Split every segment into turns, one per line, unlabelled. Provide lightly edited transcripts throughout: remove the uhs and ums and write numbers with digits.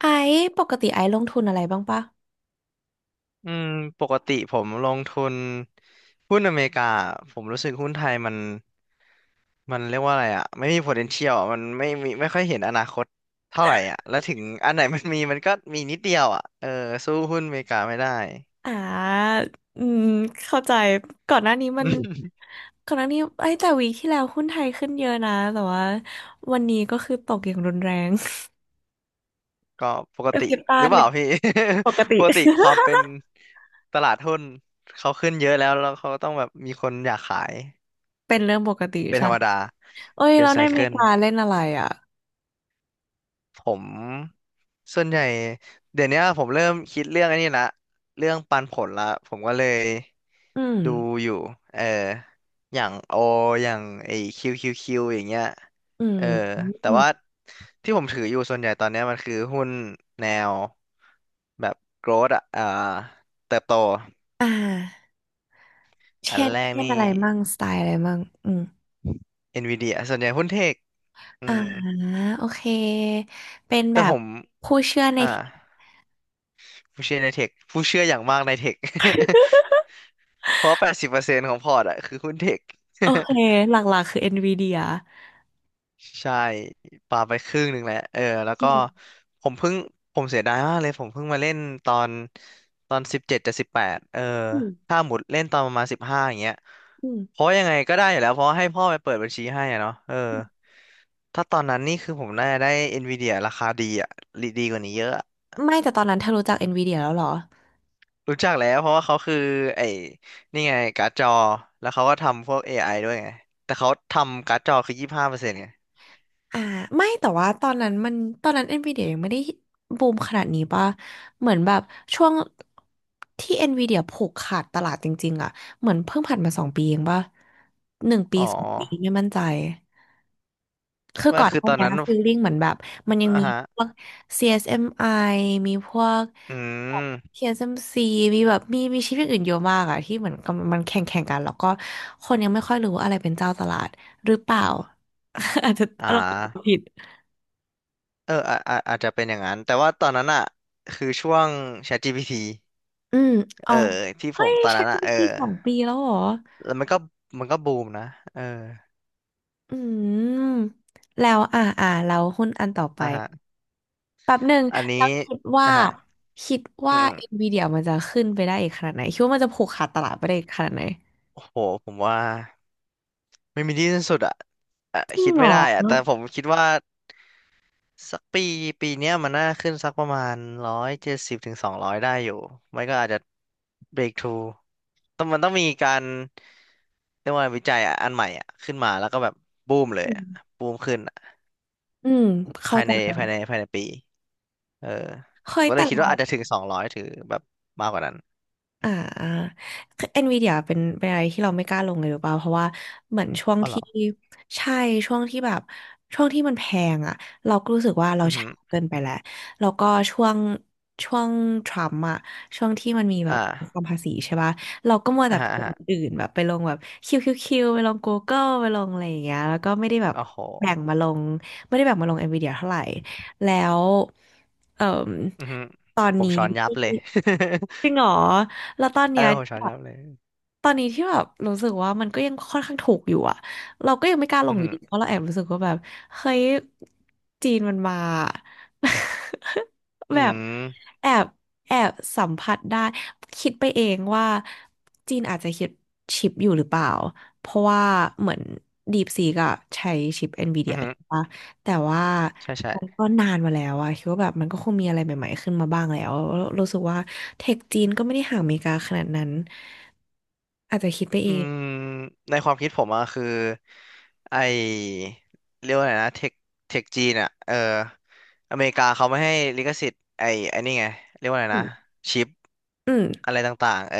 ไอซ์ปกติไอซ์ลงทุนอะไรบ้างปะ
อืมปกติผมลงทุนหุ้นอเมริกาผมรู้สึกหุ้นไทยมันเรียกว่าอะไรอ่ะไม่มี potential อะมันไม่มีไม่ค่อยเห็นอนาคตเท่าไหร่อ่ะแล้วถึงอันไหน มันมีมันก็มีนิดเดียวอ่ะเออสู้หุ้นอเมริกาไม่ได้
อ่าอืมเข้าใจ ก่อนหน้านี้ มั
อื
น
ม
ก่อนหน้านี้ไอ้ยแต่วีคที่แล้วหุ้นไทยขึ้นเยอะนะ แต่ว่าวันนี้ก็คือตกอย่างรุนแรง
ก็ปก
ก็
ติ
คิดตา
หรื
น
อเป
เนี่
ล่า
ย
พี่
ปก ติ
ปกติ ความเป็นตลาดหุ้นเขาขึ้นเยอะแล้วเขาต้องแบบมีคนอยากขาย
เป็นเรื่องปกติ
เป็น
ใช่
ธรรมดา
เอ้ย
เป็น
แล้ว
ไซ
ในอเม
เคิ
ริ
ล
กาเล่นอะไรอ่ะ
ผมส่วนใหญ่เดี๋ยวเนี้ยผมเริ่มคิดเรื่องไอันนี้ละเรื่องปันผลละผมก็เลย
อืม
ดูอยู่เอออย่างโออย่างไอคิวคิวคิวอย่างเงี้ย
อืม
เออแต่
อืม
ว่าที่ผมถืออยู่ส่วนใหญ่ตอนเนี้ยมันคือหุ้นแนวแบบ growth อ่ะเติบโต
อ่า
อั
เช่
น
น
แรก
เช่น
นี่
อะไรมั่งสไตล์อะไรมั่งอืม
Nvidia ส่วนใหญ่หุ้นเทคอื
อ่า
ม
โอเค เป็น
แต่
แบ
ผ
บ
ม
ผู้เชื่อใน
อ่า
เทค
ผู้เชื่อในเทคผู้เชื่ออย่างมากในเทค เพราะ80%ของพอร์ตอะคือหุ้นเทค
โอ เค หลักๆคือ NVIDIA
ใช่ปาไปครึ่งหนึ่งแล้ว เออ แล้ว
อื
ก็
ม
ผมเพิ่ง ผมเสียดายมากเลย ผมเพิ่งมาเล่นตอนตอน17จะ18เออ
อืม
ถ้าหมดเล่นตอนประมาณสิบห้าอย่างเงี้ย
อืม
เพราะยังไงก็ได้อยู่แล้ว เพราะให้พ่อไปเปิดบัญชีให้อะเนาะเออ ถ้าตอนนั้นนี่คือผมน่าจะได้ Nvidia ราคาดีอะดีกว่านี้เยอะ
ไม่แต่ตอนนั้นเธอรู้จัก NVIDIA แล้วเหรอ
รู้จักแล้วเพราะว่าเขาคือไอ้นี่ไงการ์ดจอแล้วเขาก็ทำพวก AI ด้วยไงแต่เขาทำการ์ดจอคือ25%ไง
อ่าไม่แต่ว่าตอนนั้นมันตอนนั้น NVIDIA ยังไม่ได้บูมขนาดนี้ป่ะเหมือนแบบช่วงที่ NVIDIA ผูกขาดตลาดจริงๆอ่ะเหมือนเพิ่งผ่านมาสองปีเองป่ะ1 ปี
อ๋อ
สองปีไม่มั่นใจ คือ
ว่า
ก่อน
คื
ห
อ
น้า
ตอน
เนี้
นั้น
ฟีลลิ่งเหมือนแบบมันยัง
อ่า
มี
ฮะ
พวก CSMI มไอมีพวก
อืม
TSMC มซีมีแบบมีชิปอย่างอื่นเยอะมากอะที่เหมือนกับมันแข่งกันแล้วก็คนยังไม่ค่อยรู้ว่าอะไรเป็นเจ้าตลาดหรือเปล่า อาจจะ
อ่
เรา
า
ผิด
เอออาจจะเป็นอย่างนั้นแต่ว่าตอนนั้นอ่ะคือช่วง ChatGPT
อืมอ๋
เอ
อ
อที่ผ
เฮ้
ม
ย
ตอนนั้นอ่ะเออ
ChatGPT 2 ปีแล้วเหรอ
แล้วมันก็บูมนะเออ
อืมแล้วอ่าแล้วหุ้นอันต่อไป
อ่าฮะ
แป๊บหนึ่ง
อันนี้
แล้วคิดว่า
นะฮะ
คิด
อื
ว่า
ม
NVIDIA มันจะขึ้นไปได้อีกขนาดไหนคิดว่ามันจะผูกขาดตลาดไปได้อีกขนาดไหน
ๆโอ้โหผมว่าไม่มีที่สิ้นสุดอ่ะอ่ะ
จริง
คิด
เหร
ไม่
อ
ได้อ่ะแต่ผมคิดว่า สักปีปีเนี้ยมันน่าขึ้นสักประมาณ170ถึงสองร้อยได้อยู่ไม่ก็อาจจะเบรกทูต้องมันต้องมีการเรียกว่าวิจัยอะอันใหม่อ่ะขึ้นมาแล้วก็แบบบูมเลย
อื
อะ
ม
บูมขึ้นอะ
อืมเข้า
ภาย
ใจ
ในภายในภายในปี เออ
เฮ้ย
ก็เล
แต่
ยคิด
เรา
ว่าอาจจะถึงสองร้อยถือแบบมากกว่านั้น
อ่าคือเอ็นวีเดียเป็นอะไรที่เราไม่กล้าลงเลยหรือเปล่าเพราะว่าเหมือนช่วง
อ๋อเหร
ที่
อ
ใช่ช่วงที่แบบช่วงที่มันแพงอ่ะเราก็รู้สึกว่าเรา
อือหื
ช้า
อ
เกินไปแล้วแล้วก็ช่วงทรัมป์อ่ะช่วงที่มันมีแบ
อ่
บความ
า
ภาษีใช่ป่ะเราก็มัว
อ่า
แต่ไป
ฮะอ่า
ลง
ฮะ
อื่นแบบไปลงแบบคิวคิวคิวไปลง Google ไปลงอะไรอย่างเงี้ยแล้วก็ไม่ได้แบบ
โอ้โห
แบ่งมาลงไม่ได้แบ่งมาลงเอ็นวีเดียเท่าไหร่แล้วเอ่อ
อือหือผมช้อนยับเลย
จริงเหรอแล้วตอน
เอ
เนี้
อ
ย
ผมช้อน
แบ
ยั
บ
บเลย
ตอนนี้ที่แบบรู้สึกว่ามันก็ยังค่อนข้างถูกอยู่อะเราก็ยังไม่กล้าล
อื
ง
อ
อยู่
หือ
ดีเพราะเราแอบรู้สึกว่าแบบเฮ้ยจีนมันมา
อื
แบบ
ม
แอบแอบสัมผัสได้คิดไปเองว่าจีนอาจจะคิดชิปอยู่หรือเปล่า เพราะว่าเหมือนดี e ซีก็ใช้ชิป
อื
NVIDIA
อหือ
ใช่ปะ แต่ว่า
ใช่ใช่
มันก็นานมาแล้วอะคิดว่าแบบมันก็คงมีอะไรใหม่ๆขึ้นมาบ้างแล้วแล้วรู้สึกว่าเทคจีนก็ไม่ได้ห่างอเมริกาขนาดนั้นอาจจะคิดไป
อื
เอง
มในความคิดผมอะคือไอเรียกว่าไงนะเทคจีนอะเอออเมริกาเขาไม่ให้ลิขสิทธิ์ไอนี่ไงเรียกว่าไง
อื
นะ
ม
ชิป
อืม
อะไรต่างๆเออ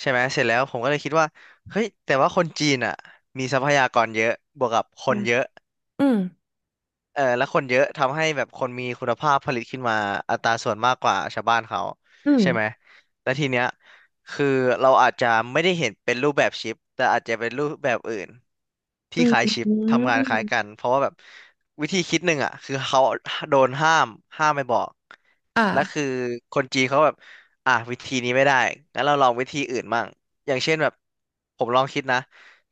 ใช่ไหมเสร็จแล้วผมก็เลยคิดว่าเฮ้ยแต่ว่าคนจีนอะมีทรัพยากรเยอะบวกกับคนเยอะ
อืม
เออแล้วคนเยอะทำให้แบบคนมีคุณภาพผลิตขึ้นมาอัตราส่วนมากกว่าชาวบ้านเขา
อืม
ใช่ไหมและทีเนี้ยคือเราอาจจะไม่ได้เห็นเป็นรูปแบบชิปแต่อาจจะเป็นรูปแบบอื่นที่
อืม
คล้ายชิป
อื
ทำงานคล้ายกั
ม
นเพราะว่าแบบวิธีคิดหนึ่งอ่ะคือเขาโดนห้ามห้ามไม่บอก
อ่า
และคือคนจีนเขาแบบอ่ะวิธีนี้ไม่ได้งั้นเราลองวิธีอื่นมั่งอย่างเช่นแบบผมลองคิดนะ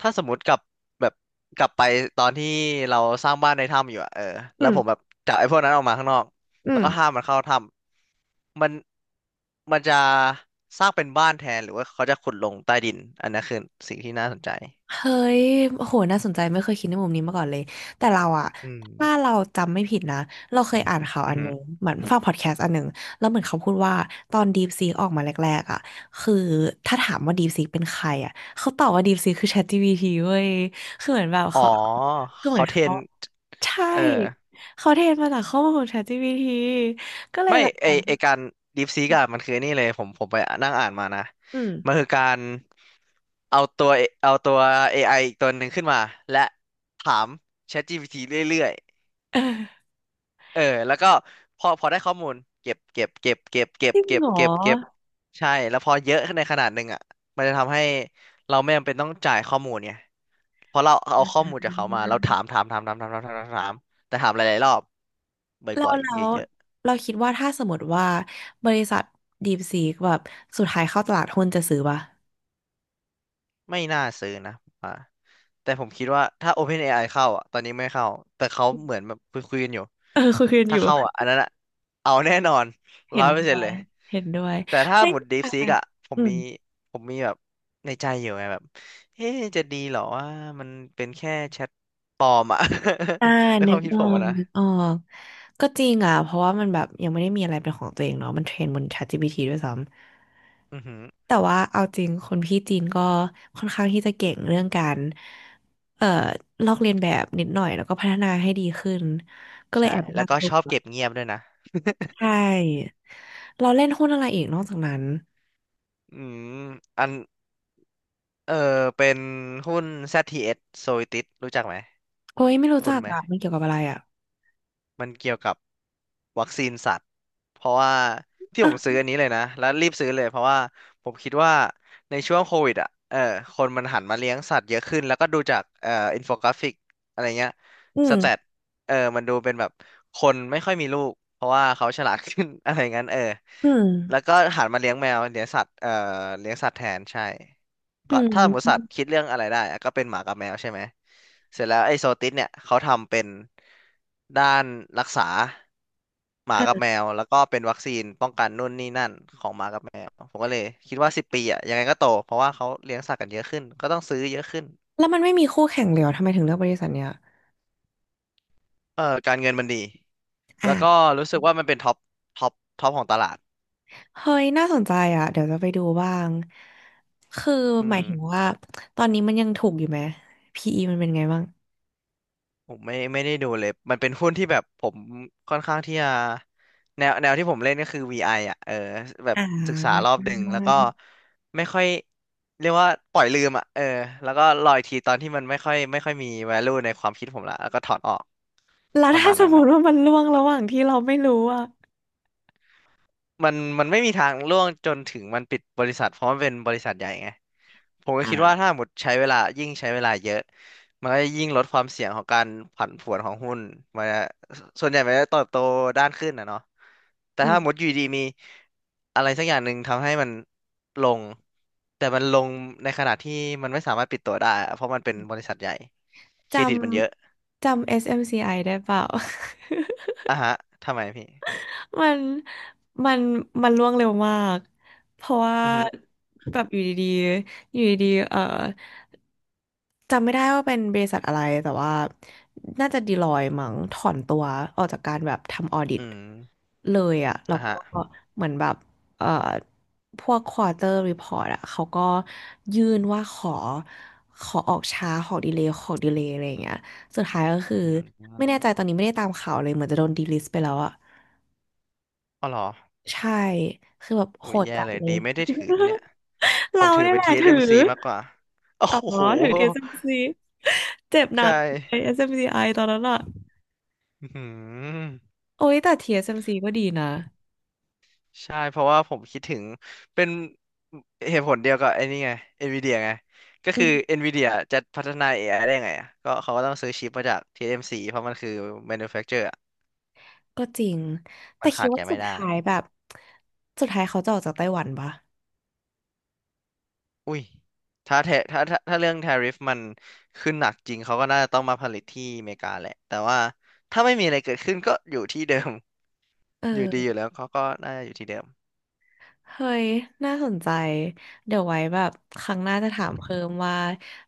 ถ้าสมมติกลับแบบกลับไปตอนที่เราสร้างบ้านในถ้ำอยู่อะเออ
อื
แล้วผมแบ
ม
บจับไอ้พวกนั้นออกมาข้างนอก
อื
แล้ว
ม
ก็ห้ามมันเข้าถ้ำมันมันจะสร้างเป็นบ้านแทนหรือว่าเขาจะขุดลงใต้ดินอันนั้นคือสิ่งที่น่าสนใจ
เฮ้ยโอ้โหน่าสนใจไม่เคยคิดในมุมนี้มาก่อนเลยแต่เราอะ
อืม
ถ้าเราจำไม่ผิดนะเราเคยอ่านข่าว
อื
อั
อ
นห
หือ
นึ่งเหมือนฟังพอดแคสต์อันหนึ่งแล้วเหมือนเขาพูดว่าตอน DeepSeek ออกมาแรกๆอะคือถ้าถามว่า DeepSeek เป็นใครอะเขาตอบว่า DeepSeek คือ ChatGPT เว้ยคือเหมือนแบบ
อ๋อ
เขาคือเหมื
เขา
อน
เทร
เขา
น
ใช่
เออ
เขาเทรนมาจากข้อมูลของ ChatGPT ก็เลย
ไม่
แบบ
ไอไอการดีฟซีกอะมันคือไอ้นี่เลยผมไปนั่งอ่านมานะ
อืม
มันคือการเอาตัวเอาตัว AI อไออีกตัวหนึ่งขึ้นมาและถาม ChatGPT เรื่อย
เออ
ๆเออแล้วก็พอพอได้ข้อมูลเก็บเก็บเก็บเก็บเก็
จ
บ
ริง
เก็บ
เหรอ
เก็บเก็บใช่แล้วพอเยอะขึ้นในขนาดหนึ่งอ่ะมันจะทำให้เราไม่จำเป็นต้องจ่ายข้อมูลไงเพราะเราเอาข้อมูลจากเขามาเราถามถามถามถามถามถามถามถามถามแต่ถามหลายๆรอบ
เรา
บ่อย
แล้
ๆ
ว
เยอะ
เราคิดว่าถ้าสมมติว่าบริษัท DeepSeek แบบสุดท้ายเข้าตลาดหุ้นจะซื้อป่ะ
ไม่น่าซื้อนะผมว่าแต่ผมคิดว่าถ้า OpenAI เข้าอ่ะตอนนี้ไม่เข้า แต่เขาเหมือนแบบคุยคุยกันอยู่
เออ คุยกันอ
ถ้า
ยู่
เข้าอ่ะอันนั้นอ่ะเอาแน่นอน
เห็
ร้อ
น
ยเปอร์
ด้
เซ็
ว
นต์เล
ย
ย
เห็นด้วย
แต่ถ้า
ไม่
หมุด
อ่ะ
DeepSeek อ่ะผม
อื
มี
ม
ผมมีแบบในใจอยู่ไงแบบเอ๊ะจะดีเหรอว่ามันเป็นแค่แชทปลอมอ่ะ
อ่า
ในค
นึ
วา
ก
มคิด
ออ
ผมอะ
ก
นะ
นึกออกก็จริงอ่ะเพราะว่ามันแบบยังไม่ได้มีอะไรเป็นของตัวเองเนาะมันเทรนบน ChatGPT ด้วยซ้
อือหือ
ำ แต่ว่าเอาจริงคนพี่จีนก็ค่อนข้างที่จะเก่งเรื่องการเอ่อลอกเลียนแบบนิดหน่อยแล้วก็พัฒนาให้ดีขึ้นก็เลย
ใช่
แอบ
แล้
น่า
ว
ก
ก็
ลั
ช
ว
อบเก็บเงียบด้วยนะ
ใช่เราเล่นหุ้นอะไรอีกนอกจากนั้น
อืมอันเออเป็นหุ้น ZTS Zoetis รู้จักไหม
โอ้ยไม่รู้
คุ
จั
ณ
ก
ไหม
อะมันเกี่ยวกับอะไรอะ
มันเกี่ยวกับวัคซีนสัตว์เพราะว่าที่ผ
อ่ะ
มซื้ออันนี้เลยนะแล้วรีบซื้อเลยเพราะว่าผมคิดว่าในช่วงโควิดอ่ะเออคนมันหันมาเลี้ยงสัตว์เยอะขึ้นแล้วก็ดูจากอินโฟกราฟิกอะไรเงี้ย
อื
สแต
ม
ทเออมันดูเป็นแบบคนไม่ค่อยมีลูกเพราะว่าเขาฉลาดขึ้น อะไรงั้นเออ
อืม
แล้วก็หันมาเลี้ยงแมวเลี้ยงสัตว์เลี้ยงสัตว์แทนใช่
อื
ก็ถ้าหมูสัตว์
ม
คิดเรื่องอะไรได้อะก็เป็นหมากับแมวใช่ไหมเสร็จแล้วไอ้โซติสเนี่ยเขาทำเป็นด้านรักษาหมากับ
อ่ะ
แมวแล้วก็เป็นวัคซีนป้องกันนู่นนี่นั่นของหมากับแมวผมก็เลยคิดว่าสิบปีอ่ะยังไงก็โตเพราะว่าเขาเลี้ยงสัตว์กันเยอะขึ้นก็ต้องซื้อเยอะขึ้น
แล้วมันไม่มีคู่แข่งเลยเหรอทำไมถึงเลือกบริษัทเนี้ย
เออการเงินมันดีแล้วก็
อ่ะ
รู้สึกว่ามันเป็นท็อปท็อปท็อปของตลาด
เฮ้ยน่าสนใจอ่ะเดี๋ยวจะไปดูบ้างคือ
อื
หมาย
ม
ถึงว่าตอนนี้มันยังถูกอยู่ไหม PE มันเป็นไงบ้าง
ผมไม่ได้ดูเลย มันเป็นหุ้นที่แบบผมค่อนข้างที่จะแนวที่ผมเล่นก็คือ VI ออ่ะเออแบบ
อ่
ศึกษาร
า
อบดึงแล้วก็ไม่ค่อยเรียกว่าปล่อยลืมอ่ะเออแล้วก็รออีกทีตอนที่มันไม่ค่อยมี value ในความคิดผมละแล้วก็ถอนออก
แล้ว
ประ
ถ้า
มาณ
สม
นั้น
มติว่ามันล่วงระหว่างที่เราไม่รู้อ่ะ
มันมันไม่มีทางล่วงจนถึงมันปิดบริษัทเพราะมันเป็นบริษัทใหญ่ไงผมก็คิดว่า
อ่า
ถ้าหมดใช้เวลายิ่งใช้เวลาเยอะมันก็ยิ่งลดความเสี่ยงของการผันผวนของหุ้นมันจะส่วนใหญ่มันจะเติบโตด้านขึ้นนะเนาะแต่
อื
ถ้าหมด
ม
อยู่ดีมีอะไรสักอย่างหนึ่งทำให้มันลงแต่มันลงในขณะที่มันไม่สามารถปิดตัวได้อะเพราะมันเป็นบริษัทใหญ่เค
จ
รดิตมันเยอะ
จำ SMCI ไอได้เปล่า
อ่ะฮะทำไมพี่
มันมันมันล่วงเร็วมาก เพราะว่า
อือฮึ
แบบอยู่ดีๆอยู่ดีๆเอ่อจำไม่ได้ว่าเป็นบริษัทอะไร แต่ว่าน่าจะดีลอยมั้งถอนตัวออกจากการแบบทำออดิต
อืม
เลยอะแล้ว
อ่ะฮะ
ก็เหมือนแบบเอ่อพวกควอเตอร์รีพอร์ตอะเขาก็ยื่นว่าขอออกช้าขอดีเลย์อะไรอย่างเงี้ยสุดท้ายก็คือ
อื
ไม่แน่
ม
ใจตอนนี้ไม่ได้ตามข่าวเลยเหมือนจะโดนดีลิสต์ไปแล้วอะ
อ๋อเหรอ
ใช่ คือแบบ
โอ้
โห
ย
ด
แย่
จัด
เลย
เล
ดี
ย
ไม่ได้ ถือนะเนี่ยผม
เรา
ถือ
เนี่ย
เป็น
แหละถือ
TSMC มซีมากกว่าโอ้
อ๋อ
โห
ถือ TSMC เอสเอ็มซีเจ็บหนั
ใช่
กไอ SMC I ตอนนั้นอะ
อืม
โอ้ยแต่ TSMC ก็ดีนะ
ใช่เพราะว่าผมคิดถึงเป็นเหตุผลเดียวกับไอ้นี่ไง NVIDIA ไงก็
อื
คือ
ม
NVIDIA จะพัฒนา AI ไอได้ไงอะก็เขาก็ต้องซื้อชิปมาจาก TSMC เอ็มซีเพราะมันคือ manufacturer อะ
ก็จริง แต่
มัน
คิ
ขา
ด
ดแก
ว่าสุ
ไม่
ด
ได้
ท้ายแบบ สุดท้ายเขาจะออกจากไต้หวันปะ
อุ้ยถ้าแทถ้าถ้าถ้าเรื่อง tariff มันขึ้นหนักจริงเขาก็น่าจะต้องมาผลิตที่อเมริกาแหละแต่ว่าถ้าไม่มีอะไรเกิดขึ้นก็อยู่ที่เดิม
เ
อยู่ดีอ
ออ
ยู่แล้วเขาก็น่าจะอยู่ที่เดิม
เฮ้ย น่าสนใจ เดี๋ยวไว้แบบครั้งหน้าจะถามเพิ่มว่า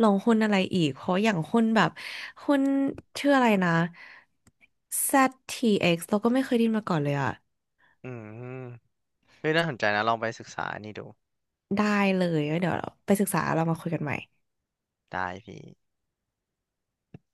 ลงหุ้นอะไรอีก เพราะอย่างหุ้นแบบหุ้นชื่ออะไรนะ ZTX เอ็กซ์เราก็ไม่เคยได้ยินมาก่อนเลยอะ
อืมเฮ้ยน่าสนใจนะลองไปศึกษานี่ดู
ได้เลยแล้วเดี๋ยวเราไปศึกษาเรามาคุยกันใหม่
ได้พี่